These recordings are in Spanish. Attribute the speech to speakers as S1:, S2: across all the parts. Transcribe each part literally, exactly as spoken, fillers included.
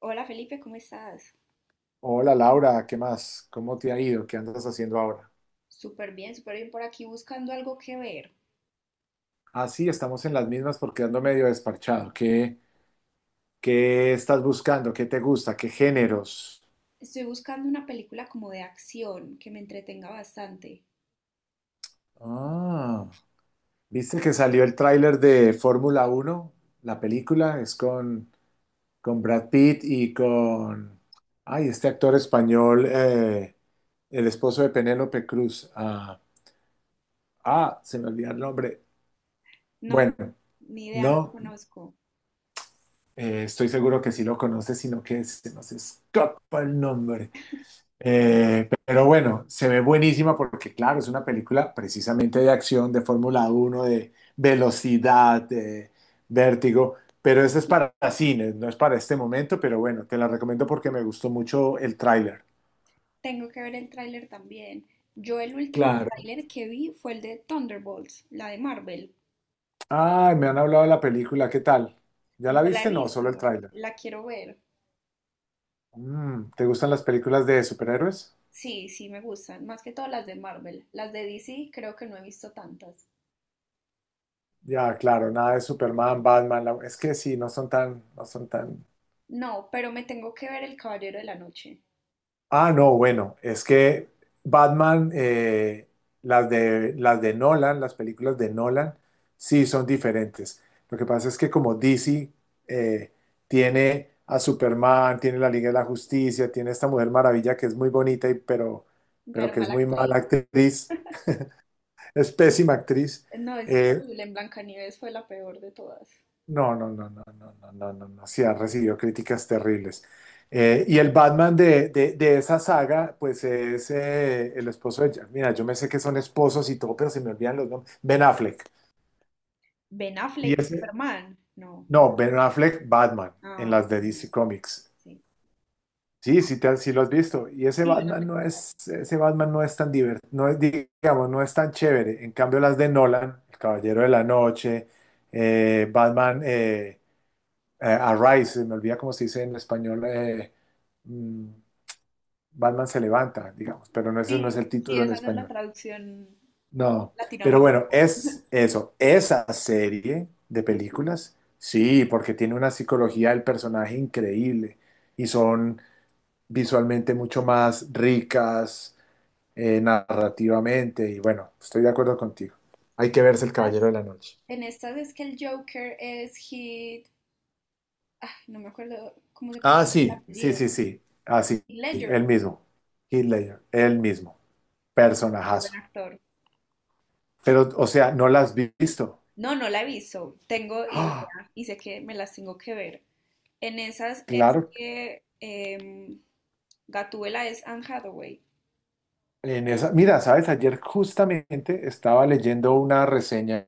S1: Hola Felipe, ¿cómo estás?
S2: Hola Laura, ¿qué más? ¿Cómo te ha ido? ¿Qué andas haciendo ahora?
S1: Súper bien, súper bien por aquí buscando algo que ver.
S2: Ah, sí, estamos en las mismas porque ando medio desparchado. ¿Qué, qué estás buscando? ¿Qué te gusta? ¿Qué géneros?
S1: Estoy buscando una película como de acción que me entretenga bastante.
S2: Ah, ¿viste que salió el tráiler de Fórmula Uno? La película es con, con Brad Pitt y con... Ay, este actor español, eh, el esposo de Penélope Cruz. Ah, ah, se me olvidó el nombre.
S1: No,
S2: Bueno,
S1: ni idea, no lo
S2: no.
S1: conozco.
S2: Eh, estoy seguro que sí lo conoces, sino que se nos escapa el nombre. Eh, pero bueno, se ve buenísima porque, claro, es una película precisamente de acción, de Fórmula uno, de velocidad, de vértigo. Pero eso es para cines, no es para este momento. Pero bueno, te la recomiendo porque me gustó mucho el tráiler.
S1: Tengo que ver el tráiler también. Yo el último
S2: Claro.
S1: tráiler que vi fue el de Thunderbolts, la de Marvel.
S2: Ay, me han hablado de la película, ¿qué tal? ¿Ya la
S1: No la he
S2: viste? No, solo
S1: visto,
S2: el tráiler.
S1: la quiero ver.
S2: Mm, ¿te gustan las películas de superhéroes?
S1: Sí, sí, me gustan, más que todas las de Marvel. Las de D C creo que no he visto tantas.
S2: Ya, claro, nada de Superman, Batman. la- Es que sí, no son tan, no son tan.
S1: No, pero me tengo que ver El Caballero de la Noche.
S2: Ah, no, bueno, es que Batman, eh, las de, las de Nolan, las películas de Nolan, sí son diferentes. Lo que pasa es que como D C eh, tiene a Superman, tiene la Liga de la Justicia, tiene esta Mujer Maravilla que es muy bonita y pero, pero
S1: Pero
S2: que es
S1: mala
S2: muy mala
S1: actriz.
S2: actriz, es pésima actriz.
S1: No, es
S2: Eh,
S1: horrible. En Blancanieves fue la peor de todas.
S2: No, no, no, no, no, no, no, no, no. Sí, ha recibido críticas terribles. Eh, y el Batman de, de, de esa saga, pues es eh, el esposo de... Ja- Mira, yo me sé que son esposos y todo, pero se me olvidan los nombres. Ben Affleck.
S1: Ben
S2: Y
S1: Affleck,
S2: ese...
S1: Superman. No.
S2: No, Ben
S1: Batman.
S2: Affleck, Batman, en
S1: Ah,
S2: las de
S1: Batman,
S2: D C Comics.
S1: sí.
S2: Sí, sí, te, sí lo has visto. Y ese
S1: Sí, Ben
S2: Batman
S1: Affleck,
S2: no
S1: claro.
S2: es, ese Batman no es tan divertido, no es, digamos, no es tan chévere. En cambio, las de Nolan, El Caballero de la Noche, eh, Batman... eh, eh, Arise, me olvida cómo se dice en español, eh, mm, Batman se levanta, digamos, pero no, ese no es
S1: Sí,
S2: el
S1: sí,
S2: título en
S1: esa no es la
S2: español.
S1: traducción
S2: No, pero
S1: latinoamericana.
S2: bueno, es eso, esa serie de películas, sí, porque tiene una psicología del personaje increíble y son visualmente mucho más ricas eh, narrativamente y bueno, estoy de acuerdo contigo. Hay que verse El Caballero
S1: Estas,
S2: de la Noche.
S1: en estas es que el Joker es Heath, ah, no me acuerdo cómo se
S2: Ah,
S1: pronuncia el
S2: sí, sí,
S1: apellido,
S2: sí, sí, así,
S1: Heath
S2: el
S1: Ledger,
S2: mismo, Heath Ledger, el mismo.
S1: qué buen
S2: Personajazo.
S1: actor.
S2: Pero, o sea, no la has visto.
S1: No, no la he visto, tengo
S2: ¡Ah!
S1: idea y sé que me las tengo que ver. En esas es
S2: Claro,
S1: que em, Gatúbela es Anne Hathaway,
S2: en esa, mira, sabes, ayer justamente estaba leyendo una reseña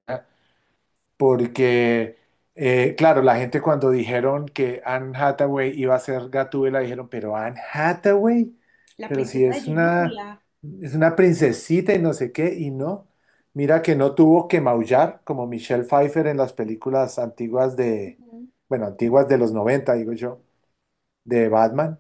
S2: porque, eh, claro, la gente cuando dijeron que Anne Hathaway iba a ser Gatúbela, dijeron, pero Anne Hathaway,
S1: la
S2: pero si
S1: princesa de
S2: es una,
S1: Genovia.
S2: es una princesita y no sé qué, y no, mira que no tuvo que maullar como Michelle Pfeiffer en las películas antiguas de,
S1: Ujú.
S2: bueno, antiguas de los noventa digo yo, de Batman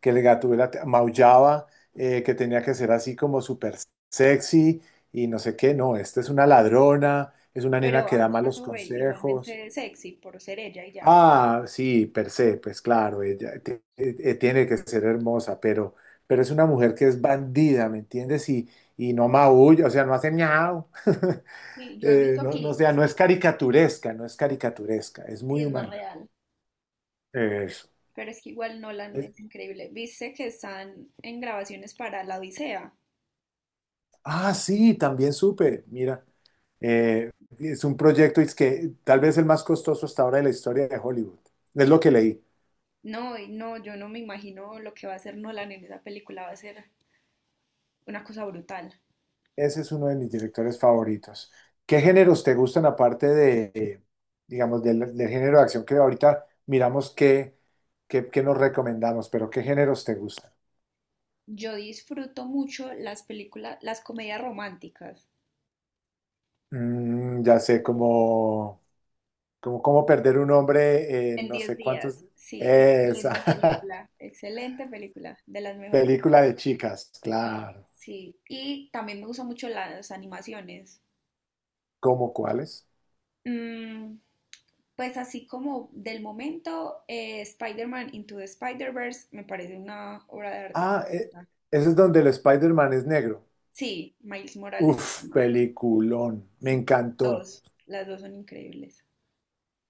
S2: que el Gatúbela te- maullaba, eh, que tenía que ser así como súper sexy y no sé qué. No, esta es una ladrona, es una nena
S1: Pero
S2: que da
S1: Anne
S2: malos
S1: Hathaway
S2: consejos.
S1: igualmente sexy por ser ella y ya.
S2: Ah, sí, per se, pues claro, ella te- eh, eh, tiene que ser hermosa, pero, pero es una mujer que es bandida, ¿me entiendes? Y, y no maulla, o sea, no hace miau.
S1: Sí, yo he
S2: Eh,
S1: visto
S2: no, no, o
S1: clips,
S2: sea, no es caricaturesca, no es caricaturesca, es
S1: sí
S2: muy
S1: es más
S2: humana.
S1: real,
S2: Eso.
S1: pero es que igual Nolan
S2: Es-
S1: es increíble. ¿Viste que están en grabaciones para La Odisea?
S2: ah, sí, también supe, mira. Eh, es un proyecto es que tal vez el más costoso hasta ahora de la historia de Hollywood. Es lo que leí.
S1: No, y no, yo no me imagino lo que va a hacer Nolan en esa película, va a ser una cosa brutal.
S2: Ese es uno de mis directores favoritos. ¿Qué géneros te gustan aparte de, eh, digamos, del, del género de acción que ahorita miramos qué, qué, qué nos recomendamos, pero qué géneros te gustan?
S1: Yo disfruto mucho las películas, las comedias románticas.
S2: Mm, ya sé, como, como cómo perder un hombre, en
S1: En
S2: no
S1: diez
S2: sé cuántos.
S1: días, sí,
S2: Esa
S1: excelente película, excelente película, de las mejores,
S2: película de chicas, claro.
S1: sí. Y también me gustan mucho las animaciones.
S2: ¿Cómo cuáles?
S1: Mm, pues así como del momento, eh, Spider-Man Into the Spider-Verse me parece una obra de arte
S2: Ah, e-
S1: completa.
S2: Ese es donde el Spider-Man es negro.
S1: Sí, Miles Morales se
S2: Uf,
S1: llama.
S2: peliculón. Me
S1: Sí,
S2: encantó.
S1: dos, las dos son increíbles.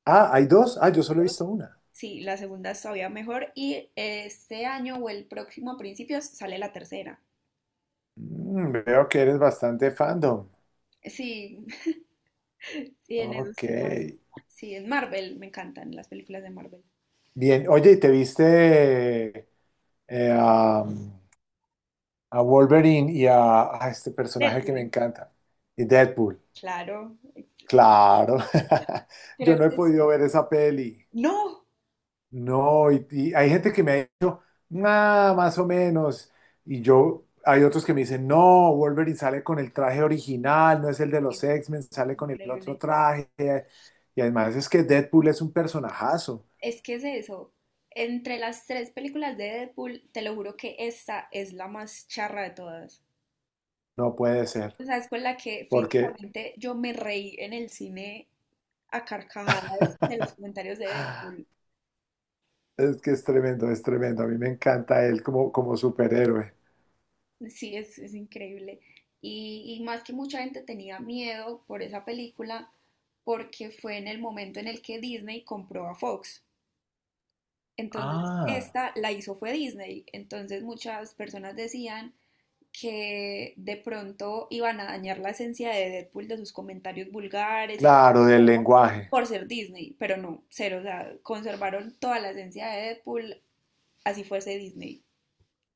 S2: Ah, ¿hay dos? Ah, yo solo he
S1: Dos.
S2: visto una.
S1: Sí, la segunda es todavía mejor y este año o el próximo a principios sale la tercera.
S2: Mm, veo que eres bastante fandom.
S1: Sí, sí, en esos
S2: Ok.
S1: temas. Sí, en Marvel, me encantan las películas de Marvel.
S2: Bien. Oye, ¿y te viste eh, a, a Wolverine y a, a este personaje que me
S1: Deadpool,
S2: encanta? Y Deadpool.
S1: claro.
S2: Claro. Yo
S1: Creo
S2: no he
S1: que es...
S2: podido ver esa peli.
S1: ¡No!
S2: No, y, y hay gente que me ha dicho, nada, más o menos. Y yo, hay otros que me dicen, no, Wolverine sale con el traje original, no es el de los
S1: Sí,
S2: X-Men, sale con el otro
S1: increíble.
S2: traje. Y además es que Deadpool es un personajazo.
S1: Es que es eso. Entre las tres películas de Deadpool, te lo juro que esta es la más charra de todas.
S2: No puede ser,
S1: O sea, es con la que
S2: porque
S1: físicamente yo me reí en el cine a carcajadas de los comentarios de Deadpool.
S2: es que es tremendo, es tremendo. A mí me encanta él como, como superhéroe.
S1: Sí, es, es increíble. Y, y más que mucha gente tenía miedo por esa película, porque fue en el momento en el que Disney compró a Fox. Entonces,
S2: Ah,
S1: esta la hizo fue Disney. Entonces, muchas personas decían que de pronto iban a dañar la esencia de Deadpool de sus comentarios vulgares y
S2: claro, del lenguaje.
S1: por ser Disney, pero no, cero, o sea, conservaron toda la esencia de Deadpool, así fuese Disney.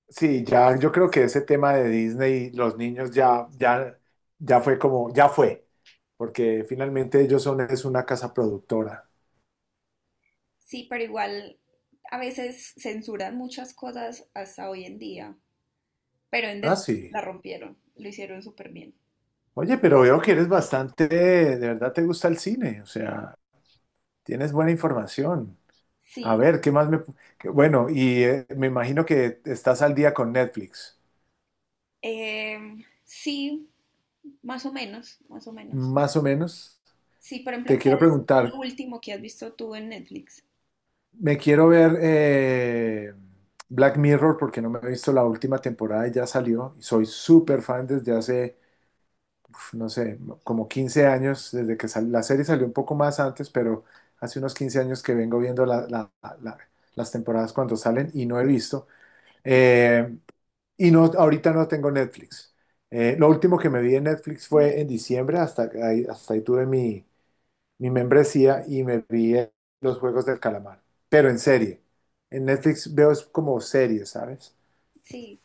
S2: Sí, ya yo creo que ese tema de Disney, los niños ya, ya, ya fue como, ya fue, porque finalmente ellos son, es una casa productora.
S1: Sí, pero igual a veces censuran muchas cosas hasta hoy en día, pero en
S2: Ah,
S1: Deadpool
S2: sí.
S1: la rompieron, lo hicieron súper bien.
S2: Oye, pero veo que eres bastante, de verdad te gusta el cine, o sea, tienes buena información. A
S1: Sí,
S2: ver, ¿qué más me... qué- bueno, y eh, me imagino que estás al día con Netflix,
S1: em, sí, más o menos, más o menos.
S2: más o menos.
S1: Sí, por ejemplo,
S2: Te quiero
S1: ¿qué es lo
S2: preguntar,
S1: último que has visto tú en Netflix?
S2: me quiero ver eh, Black Mirror porque no me he visto la última temporada y ya salió. Y soy súper fan desde hace, uf, no sé, como quince años, desde que sal- la serie salió un poco más antes, pero hace unos quince años que vengo viendo la- la- la- las temporadas cuando salen y no he visto. Eh, y no, ahorita no tengo Netflix. Eh, lo último que me vi en Netflix
S1: No.
S2: fue en diciembre, hasta ahí, hasta ahí tuve mi, mi membresía y me vi en los Juegos del Calamar, pero en serie. En Netflix veo es como series, ¿sabes?
S1: Sí,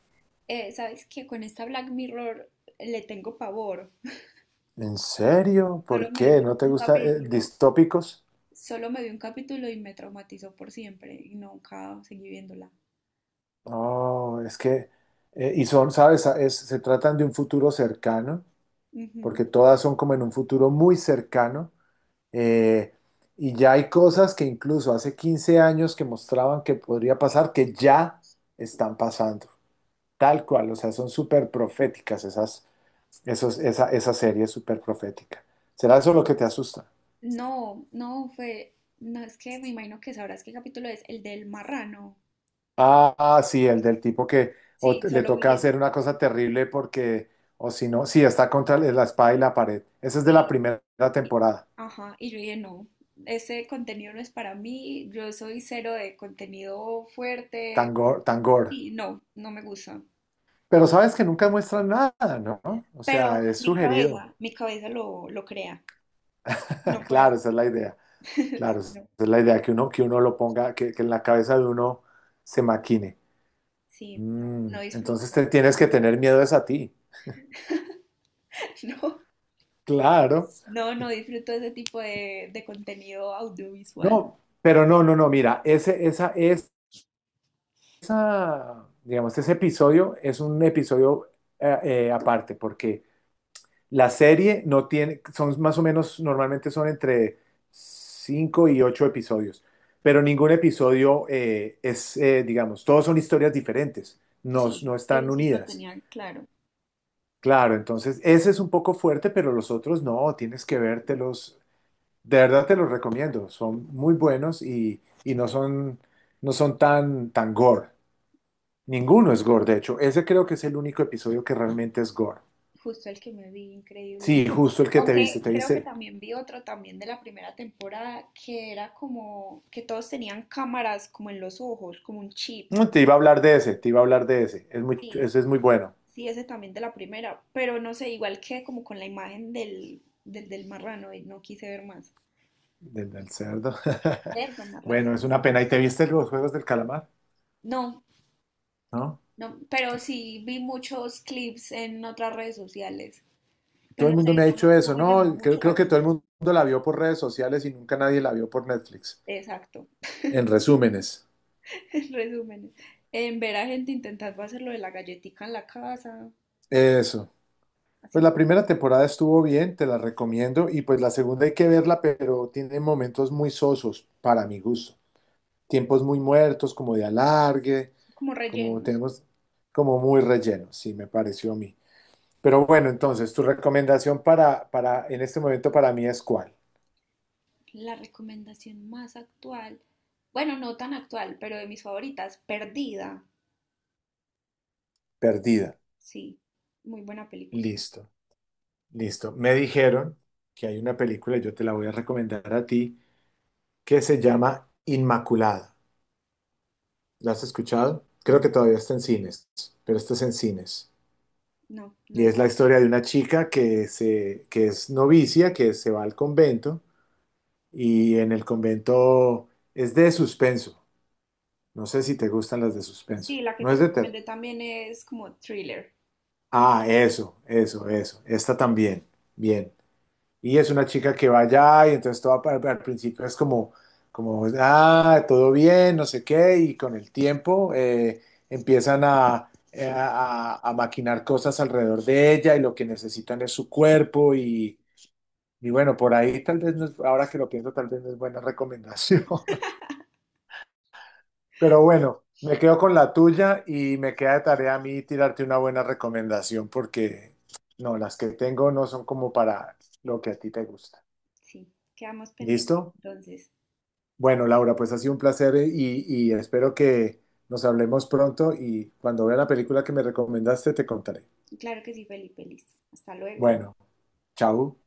S1: Eh, sabes que con esta Black Mirror le tengo pavor.
S2: ¿En serio?
S1: Solo
S2: ¿Por
S1: me
S2: qué?
S1: vi
S2: ¿No te
S1: un
S2: gusta eh,
S1: capítulo,
S2: distópicos?
S1: solo me vi un capítulo y me traumatizó por siempre y nunca seguí viéndola.
S2: Oh, es que, eh, y son, ¿sabes? Ah, Es- se tratan de un futuro cercano,
S1: Ujú.
S2: porque todas son como en un futuro muy cercano. eh, y ya hay cosas que incluso hace quince años que mostraban que podría pasar, que ya están pasando. Tal cual, o sea, son súper proféticas esas. Eso es- esa, esa serie es súper profética. ¿Será eso lo que te asusta?
S1: No, no fue, no es que me imagino que sabrás qué capítulo es, el del marrano.
S2: Ah, ah, sí, el del tipo que o
S1: Sí,
S2: te- le
S1: solo
S2: toca
S1: vi ese.
S2: hacer una cosa terrible porque, o si no, sí, está contra la espada y la pared. Esa es de la
S1: Sí,
S2: primera
S1: y
S2: temporada,
S1: ajá, y yo dije, no, ese contenido no es para mí, yo soy cero de contenido fuerte,
S2: Tangor, Tangor.
S1: y no, no me gusta.
S2: Pero sabes que nunca muestran nada, ¿no? O
S1: Pero
S2: sea, es
S1: mi
S2: sugerido.
S1: cabeza, mi cabeza lo, lo crea, no
S2: Claro,
S1: puedo.
S2: esa es la idea. Claro, esa
S1: No,
S2: es la idea, que uno, que uno lo ponga, que, que en la cabeza de uno se maquine.
S1: sí, no,
S2: Mm,
S1: no
S2: entonces
S1: disfruto.
S2: te tienes que tener miedo es a ti.
S1: No,
S2: Claro.
S1: no, no disfruto ese tipo de, de contenido audiovisual.
S2: No, pero no, no, no, mira, ese, esa, es- esa, digamos, ese episodio es un episodio eh, eh, aparte, porque la serie no tiene, son más o menos, normalmente son entre cinco y ocho episodios, pero ningún episodio eh, es, eh, digamos, todos son historias diferentes, no, no
S1: Sí, eso
S2: están
S1: sí lo
S2: unidas.
S1: tenía claro.
S2: Claro, entonces ese es un poco fuerte, pero los otros no, tienes que vértelos. De verdad te los recomiendo, son muy buenos y, y no son, no son tan, tan gore. Ninguno es gore, de hecho. Ese creo que es el único episodio que realmente es gore.
S1: Justo el que me vi, increíble.
S2: Sí, justo el que te viste,
S1: Aunque
S2: te
S1: creo que
S2: viste.
S1: también vi otro también de la primera temporada que era como que todos tenían cámaras como en los ojos, como un chip.
S2: Mm, Te iba a hablar de ese, te iba a hablar de ese. Es muy,
S1: Sí,
S2: ese es muy bueno,
S1: sí, ese también de la primera, pero no sé, igual que como con la imagen del, del, del marrano y no quise ver más.
S2: del, del cerdo.
S1: Cerdo marrano.
S2: Bueno, es una pena. ¿Y te viste los Juegos del Calamar?
S1: No,
S2: ¿No?
S1: no, pero sí vi muchos clips en otras redes sociales,
S2: Todo
S1: pero no
S2: el
S1: sé,
S2: mundo me ha
S1: no
S2: dicho
S1: me, no
S2: eso,
S1: me llamó
S2: ¿no? Creo,
S1: mucho la
S2: creo que todo el
S1: atención.
S2: mundo la vio por redes sociales y nunca nadie la vio por Netflix.
S1: Exacto.
S2: En resúmenes,
S1: En resumen, en ver a gente intentando hacer lo de la galletica en la casa,
S2: eso. Pues
S1: así,
S2: la primera temporada estuvo bien, te la recomiendo, y pues la segunda hay que verla, pero tiene momentos muy sosos para mi gusto. Tiempos muy muertos, como de alargue,
S1: como
S2: como
S1: rellenos.
S2: tenemos, como muy relleno, sí, me pareció a mí. Pero bueno, entonces, tu recomendación para, para, en este momento para mí, ¿es cuál?
S1: La recomendación más actual, bueno, no tan actual, pero de mis favoritas, Perdida,
S2: Perdida.
S1: sí, muy buena película.
S2: Listo, listo. Me dijeron que hay una película, yo te la voy a recomendar a ti, que se llama Inmaculada. ¿La has escuchado? Creo
S1: No,
S2: que todavía está en cines, pero esto es en cines.
S1: no, no
S2: Y es la
S1: la...
S2: historia de una chica que, se, que es novicia, que se va al convento y en el convento es de suspenso. No sé si te gustan las de suspenso.
S1: Sí, la que
S2: No
S1: te
S2: es de terror.
S1: recomendé también es como thriller,
S2: Ah, eso, eso, eso. Esta también. Bien. Y es una chica que va allá y entonces todo al al principio es como, como, ah, todo bien, no sé qué, y con el tiempo eh, empiezan a, eh, a, a- a maquinar cosas alrededor de ella y lo que necesitan es su cuerpo y, Y bueno, por ahí tal vez no es- ahora que lo pienso, tal vez no es buena recomendación. Pero bueno, me quedo con la tuya y me queda de tarea a mí tirarte una buena recomendación porque no, las que tengo no son como para lo que a ti te gusta.
S1: sí, quedamos pendientes
S2: ¿Listo?
S1: entonces.
S2: Bueno, Laura, pues ha sido un placer eh, y, y espero que nos hablemos pronto y cuando vea la película que me recomendaste te contaré.
S1: Claro que sí, Felipe, listo. Hasta luego.
S2: Bueno, chao.